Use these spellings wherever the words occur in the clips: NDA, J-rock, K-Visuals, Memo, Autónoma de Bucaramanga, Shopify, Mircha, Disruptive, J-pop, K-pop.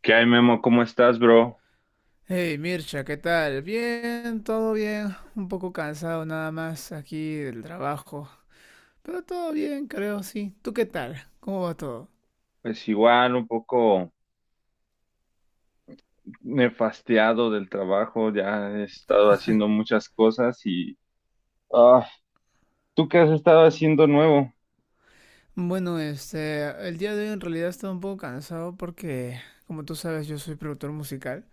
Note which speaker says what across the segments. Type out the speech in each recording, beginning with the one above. Speaker 1: ¿Qué hay, Memo? ¿Cómo estás, bro?
Speaker 2: Hey Mircha, ¿qué tal? Bien, todo bien. Un poco cansado nada más aquí del trabajo. Pero todo bien, creo, sí. ¿Tú qué tal? ¿Cómo va todo?
Speaker 1: Pues igual, un poco nefasteado del trabajo, ya he estado haciendo muchas cosas y... Ah, ¿tú qué has estado haciendo nuevo?
Speaker 2: Bueno, este, el día de hoy en realidad estaba un poco cansado porque, como tú sabes, yo soy productor musical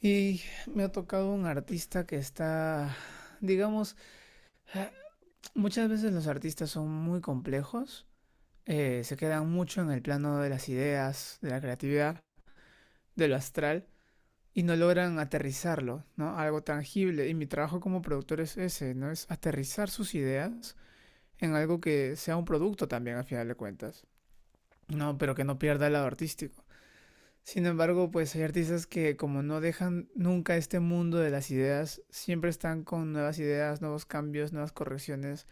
Speaker 2: y me ha tocado un artista que está, digamos, muchas veces los artistas son muy complejos, se quedan mucho en el plano de las ideas, de la creatividad, de lo astral. Y no logran aterrizarlo, ¿no? Algo tangible. Y mi trabajo como productor es ese, ¿no? Es aterrizar sus ideas en algo que sea un producto también, al final de cuentas. No, pero que no pierda el lado artístico. Sin embargo, pues hay artistas que como no dejan nunca este mundo de las ideas, siempre están con nuevas ideas, nuevos cambios, nuevas correcciones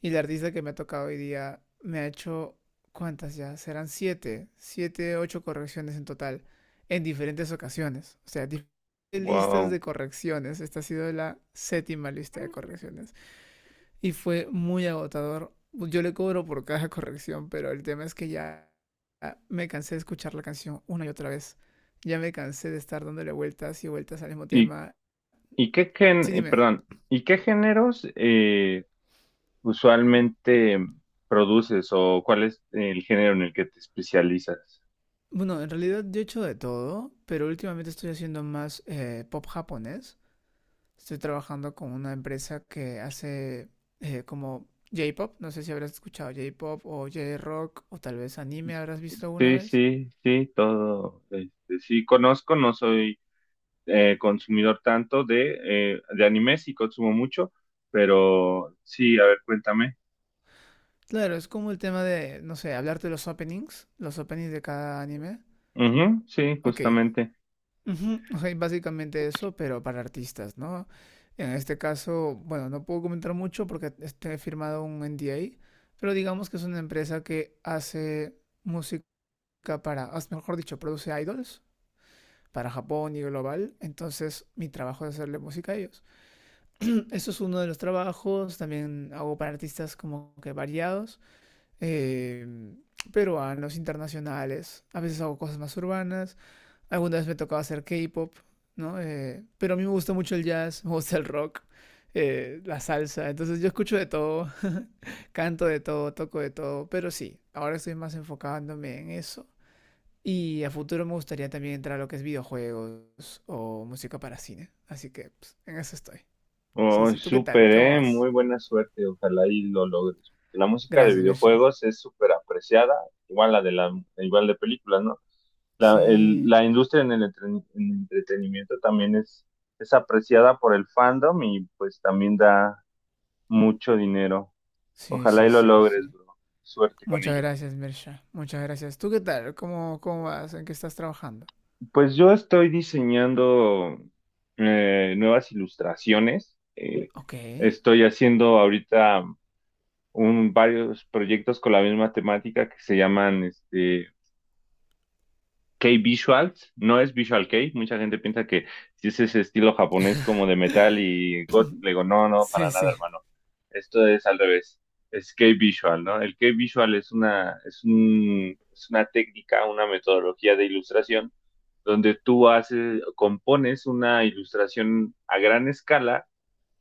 Speaker 2: y la artista que me ha tocado hoy día me ha hecho, ¿cuántas ya? Serán siete, siete, ocho correcciones en total, en diferentes ocasiones. O sea, diferentes listas
Speaker 1: Wow.
Speaker 2: de correcciones. Esta ha sido la séptima lista de correcciones. Y fue muy agotador. Yo le cobro por cada corrección, pero el tema es que ya me cansé de escuchar la canción una y otra vez. Ya me cansé de estar dándole vueltas y vueltas al mismo
Speaker 1: ¿Y,
Speaker 2: tema. Sí, dime.
Speaker 1: ¿Y qué géneros usualmente produces o cuál es el género en el que te especializas?
Speaker 2: Bueno, en realidad yo he hecho de todo, pero últimamente estoy haciendo más pop japonés. Estoy trabajando con una empresa que hace como J-pop. No sé si habrás escuchado J-pop o J-rock o tal vez anime habrás visto alguna
Speaker 1: Sí,
Speaker 2: vez.
Speaker 1: sí, sí, todo. Sí, conozco, no soy consumidor tanto de anime, sí consumo mucho, pero sí, a ver, cuéntame.
Speaker 2: Claro, es como el tema de, no sé, hablarte de los openings de cada anime.
Speaker 1: Ujú, sí,
Speaker 2: Ok.
Speaker 1: justamente.
Speaker 2: Ujú, ok, básicamente eso, pero para artistas, ¿no? En este caso, bueno, no puedo comentar mucho porque este, he firmado un NDA, pero digamos que es una empresa que hace música para, mejor dicho, produce idols para Japón y global, entonces mi trabajo es hacerle música a ellos. Eso es uno de los trabajos, también hago para artistas como que variados, eh, peruanos, internacionales, a veces hago cosas más urbanas, alguna vez me tocaba hacer K-pop, ¿no? Pero a mí me gusta mucho el jazz, me gusta el rock, la salsa, entonces yo escucho de todo, canto de todo, toco de todo, pero sí, ahora estoy más enfocándome en eso. Y a futuro me gustaría también entrar a lo que es videojuegos o música para cine. Así que pues, en eso estoy. Sí,
Speaker 1: Oh,
Speaker 2: sí. ¿Tú qué tal?
Speaker 1: súper,
Speaker 2: ¿Cómo vas?
Speaker 1: muy buena suerte, ojalá y lo logres. La música de
Speaker 2: Gracias, Mirsha.
Speaker 1: videojuegos es súper apreciada, igual la de la, igual de películas, ¿no?
Speaker 2: Sí,
Speaker 1: La industria en en el entretenimiento también es apreciada por el fandom y pues también da mucho dinero.
Speaker 2: sí,
Speaker 1: Ojalá
Speaker 2: sí,
Speaker 1: y lo
Speaker 2: sí, sí.
Speaker 1: logres, bro. Suerte con
Speaker 2: Muchas
Speaker 1: ello.
Speaker 2: gracias, Mirsha. Muchas gracias. ¿Tú qué tal? ¿Cómo vas? ¿En qué estás trabajando?
Speaker 1: Pues yo estoy diseñando nuevas ilustraciones.
Speaker 2: Ok.
Speaker 1: Estoy haciendo ahorita varios proyectos con la misma temática que se llaman K-Visuals, no es Visual K, mucha gente piensa que si es ese estilo japonés como de metal y gótico, le digo, no, no, para
Speaker 2: Sí,
Speaker 1: nada,
Speaker 2: sí.
Speaker 1: hermano. Esto es al revés, es K-Visual, ¿no? El K-Visual es una, es un, es una técnica, una metodología de ilustración donde tú haces, compones una ilustración a gran escala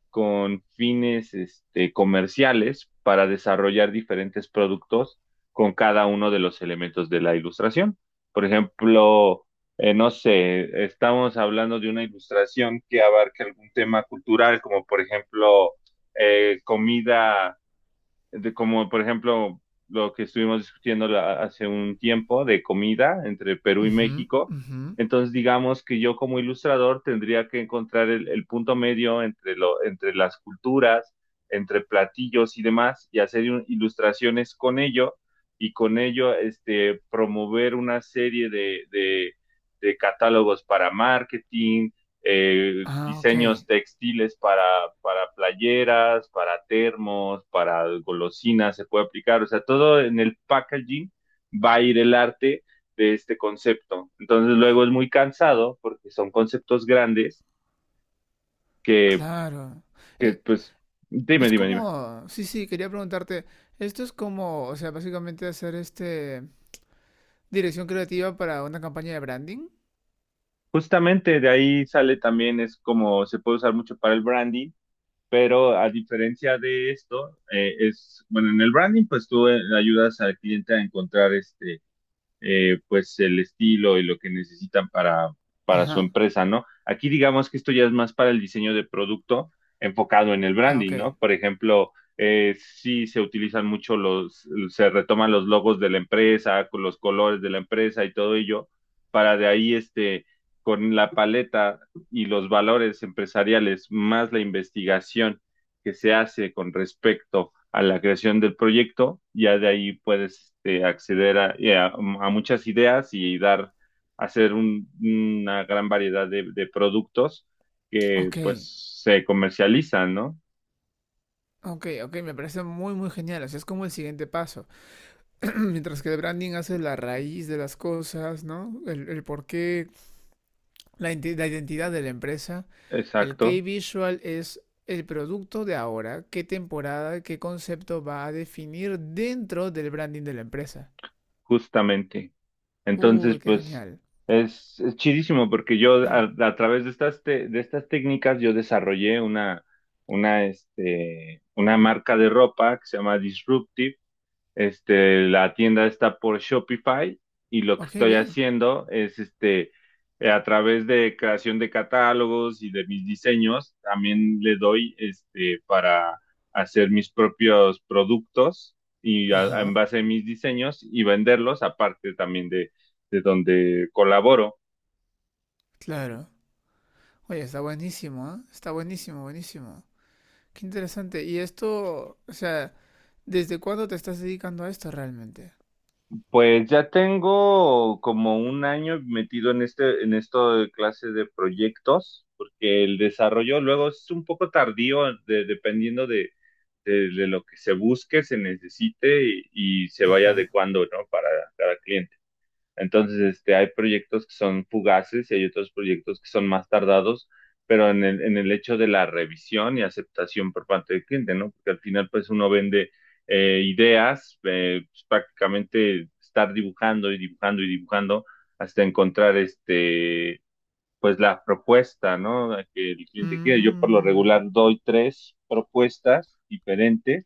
Speaker 1: con fines comerciales para desarrollar diferentes productos con cada uno de los elementos de la ilustración. Por ejemplo, no sé, estamos hablando de una ilustración que abarque algún tema cultural, como por ejemplo comida de como por ejemplo lo que estuvimos discutiendo hace un tiempo de comida entre Perú y
Speaker 2: Ujú,
Speaker 1: México.
Speaker 2: ujú.
Speaker 1: Entonces, digamos que yo como ilustrador tendría que encontrar el punto medio entre lo, entre las culturas, entre platillos y demás, y ilustraciones con ello, y con ello promover una serie de catálogos para marketing,
Speaker 2: Ah, ok.
Speaker 1: diseños textiles para playeras, para termos, para golosinas, se puede aplicar, o sea, todo en el packaging va a ir el arte de este concepto. Entonces luego es muy cansado porque son conceptos grandes que,
Speaker 2: Claro.
Speaker 1: que
Speaker 2: Eh,
Speaker 1: pues, dime,
Speaker 2: Es
Speaker 1: dime, dime.
Speaker 2: como, sí, sí, quería preguntarte, esto es como, o sea, básicamente hacer este dirección creativa para una campaña de branding.
Speaker 1: Justamente de ahí sale también, es como se puede usar mucho para el branding, pero a diferencia de esto, es, bueno, en el branding, pues tú ayudas al cliente a encontrar pues el estilo y lo que necesitan para su
Speaker 2: Ajá.
Speaker 1: empresa, ¿no? Aquí digamos que esto ya es más para el diseño de producto enfocado en el
Speaker 2: Ah, ok.
Speaker 1: branding, ¿no? Por ejemplo, sí se utilizan mucho los, se retoman los logos de la empresa, con los colores de la empresa y todo ello, para de ahí con la paleta y los valores empresariales, más la investigación que se hace con respecto a la creación del proyecto, ya de ahí puedes acceder a muchas ideas y dar, una gran variedad de productos que
Speaker 2: Ok.
Speaker 1: pues se comercializan, ¿no?
Speaker 2: Ok, ok, me parece muy, muy genial. O sea, es como el siguiente paso. Mientras que el branding hace la raíz de las cosas, ¿no? El porqué, la, la identidad de la empresa. El key
Speaker 1: Exacto,
Speaker 2: visual es el producto de ahora, qué temporada, qué concepto va a definir dentro del branding de la empresa.
Speaker 1: justamente.
Speaker 2: Uy,
Speaker 1: Entonces,
Speaker 2: qué
Speaker 1: pues
Speaker 2: genial.
Speaker 1: es chidísimo porque yo a través de estas, de estas técnicas yo desarrollé una, una marca de ropa que se llama Disruptive. La tienda está por Shopify y lo que
Speaker 2: Ok,
Speaker 1: estoy
Speaker 2: bien.
Speaker 1: haciendo es a través de creación de catálogos y de mis diseños, también le doy para hacer mis propios productos y en
Speaker 2: Ajá,
Speaker 1: base a mis diseños y venderlos, aparte también de donde colaboro.
Speaker 2: claro. Oye, está buenísimo, ¿ah? Está buenísimo, buenísimo. Qué interesante. Y esto, o sea… ¿Desde cuándo te estás dedicando a esto realmente?
Speaker 1: Pues ya tengo como un año metido en este, en esto de clase de proyectos, porque el desarrollo luego es un poco tardío, dependiendo de lo que se busque, se necesite y se vaya
Speaker 2: Ajá.
Speaker 1: adecuando, ¿no? Para cada cliente. Entonces, hay proyectos que son fugaces y hay otros proyectos que son más tardados, pero en el hecho de la revisión y aceptación por parte del cliente, ¿no? Porque al final, pues uno vende ideas, pues, prácticamente estar dibujando y dibujando y dibujando hasta encontrar pues la propuesta, ¿no? Que el cliente quiere. Yo por lo regular
Speaker 2: Mmm.
Speaker 1: doy tres propuestas diferentes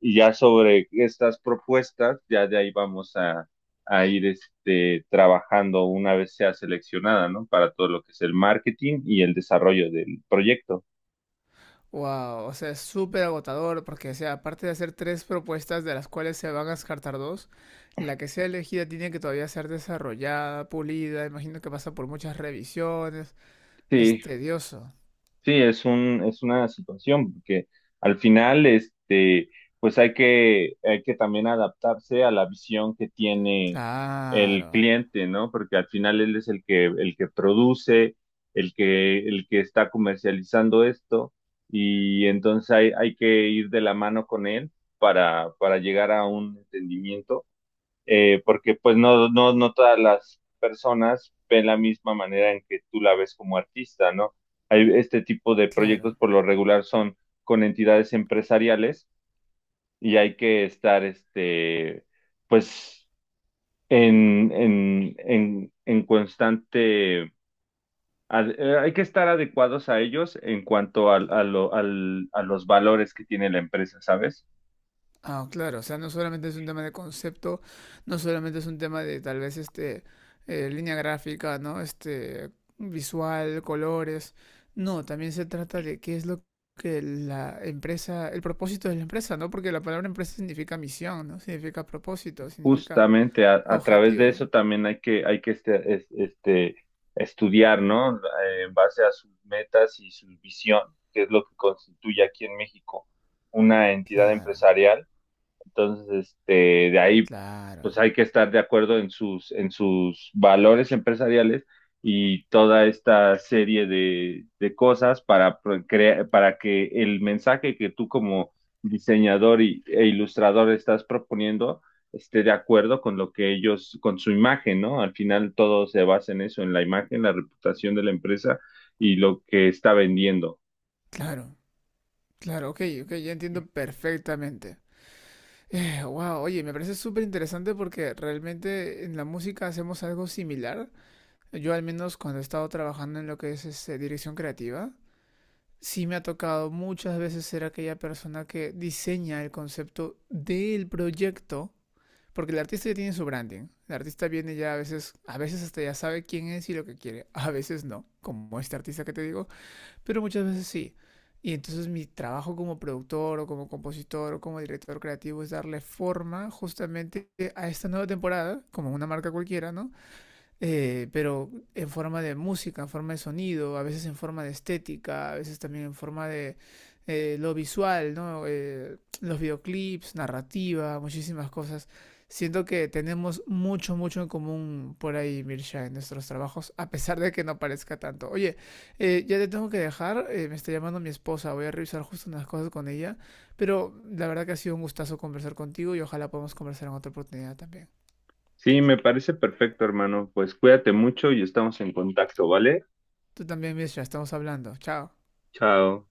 Speaker 1: y ya sobre estas propuestas, ya de ahí a ir trabajando una vez sea seleccionada, ¿no? Para todo lo que es el marketing y el desarrollo del proyecto.
Speaker 2: Wow, o sea, es súper agotador porque, o sea, aparte de hacer tres propuestas de las cuales se van a descartar dos, la que sea elegida tiene que todavía ser desarrollada, pulida, imagino que pasa por muchas revisiones, es
Speaker 1: Sí,
Speaker 2: tedioso.
Speaker 1: sí, es un, es una situación, porque al final, pues hay que también adaptarse a la visión que tiene el
Speaker 2: Claro,
Speaker 1: cliente, ¿no? Porque al final él es el que produce, el que está comercializando esto, y entonces hay que ir de la mano con él para llegar a un entendimiento porque pues no, no, no todas las personas ven la misma manera en que tú la ves como artista, ¿no? Hay este tipo de proyectos
Speaker 2: claro.
Speaker 1: por lo regular son con entidades empresariales y hay que estar, pues, en constante, hay que estar adecuados a ellos en cuanto a los valores que tiene la empresa, ¿sabes?
Speaker 2: Ah, claro, o sea, no solamente es un tema de concepto, no solamente es un tema de tal vez línea gráfica, ¿no? Este visual, colores. No, también se trata de qué es lo que la empresa, el propósito de la empresa, ¿no? Porque la palabra empresa significa misión, ¿no? Significa propósito, significa
Speaker 1: Justamente a través de
Speaker 2: objetivo.
Speaker 1: eso también hay que estudiar, ¿no? En base a sus metas y su visión, que es lo que constituye aquí en México una entidad
Speaker 2: Claro,
Speaker 1: empresarial. Entonces, de ahí, pues
Speaker 2: claro,
Speaker 1: hay que estar de acuerdo en sus valores empresariales y toda esta serie de cosas para, para que el mensaje que tú como diseñador y, e ilustrador estás proponiendo esté de acuerdo con lo que ellos, con su imagen, ¿no? Al final todo se basa en eso, en la imagen, la reputación de la empresa y lo que está vendiendo.
Speaker 2: claro, claro, ok, ok, ya entiendo perfectamente. Wow, oye, me parece súper interesante porque realmente en la música hacemos algo similar. Yo al menos cuando he estado trabajando en lo que es este, dirección creativa, sí me ha tocado muchas veces ser aquella persona que diseña el concepto del proyecto, porque el artista ya tiene su branding. El artista viene ya a veces hasta ya sabe quién es y lo que quiere, a veces no, como este artista que te digo, pero muchas veces sí. Y entonces mi trabajo como productor o como compositor o como director creativo es darle forma justamente a esta nueva temporada, como una marca cualquiera, ¿no? Pero en forma de música, en forma de sonido, a veces en forma de estética, a veces también en forma de lo visual, ¿no? Los videoclips, narrativa, muchísimas cosas. Siento que tenemos mucho, mucho en común por ahí, Mirsha, en nuestros trabajos, a pesar de que no parezca tanto. Oye, ya te tengo que dejar, me está llamando mi esposa, voy a revisar justo unas cosas con ella, pero la verdad que ha sido un gustazo conversar contigo y ojalá podamos conversar en otra oportunidad también.
Speaker 1: Sí, me parece perfecto, hermano. Pues cuídate mucho y estamos en contacto, ¿vale?
Speaker 2: Tú también, Mirsha, estamos hablando. Chao.
Speaker 1: Chao.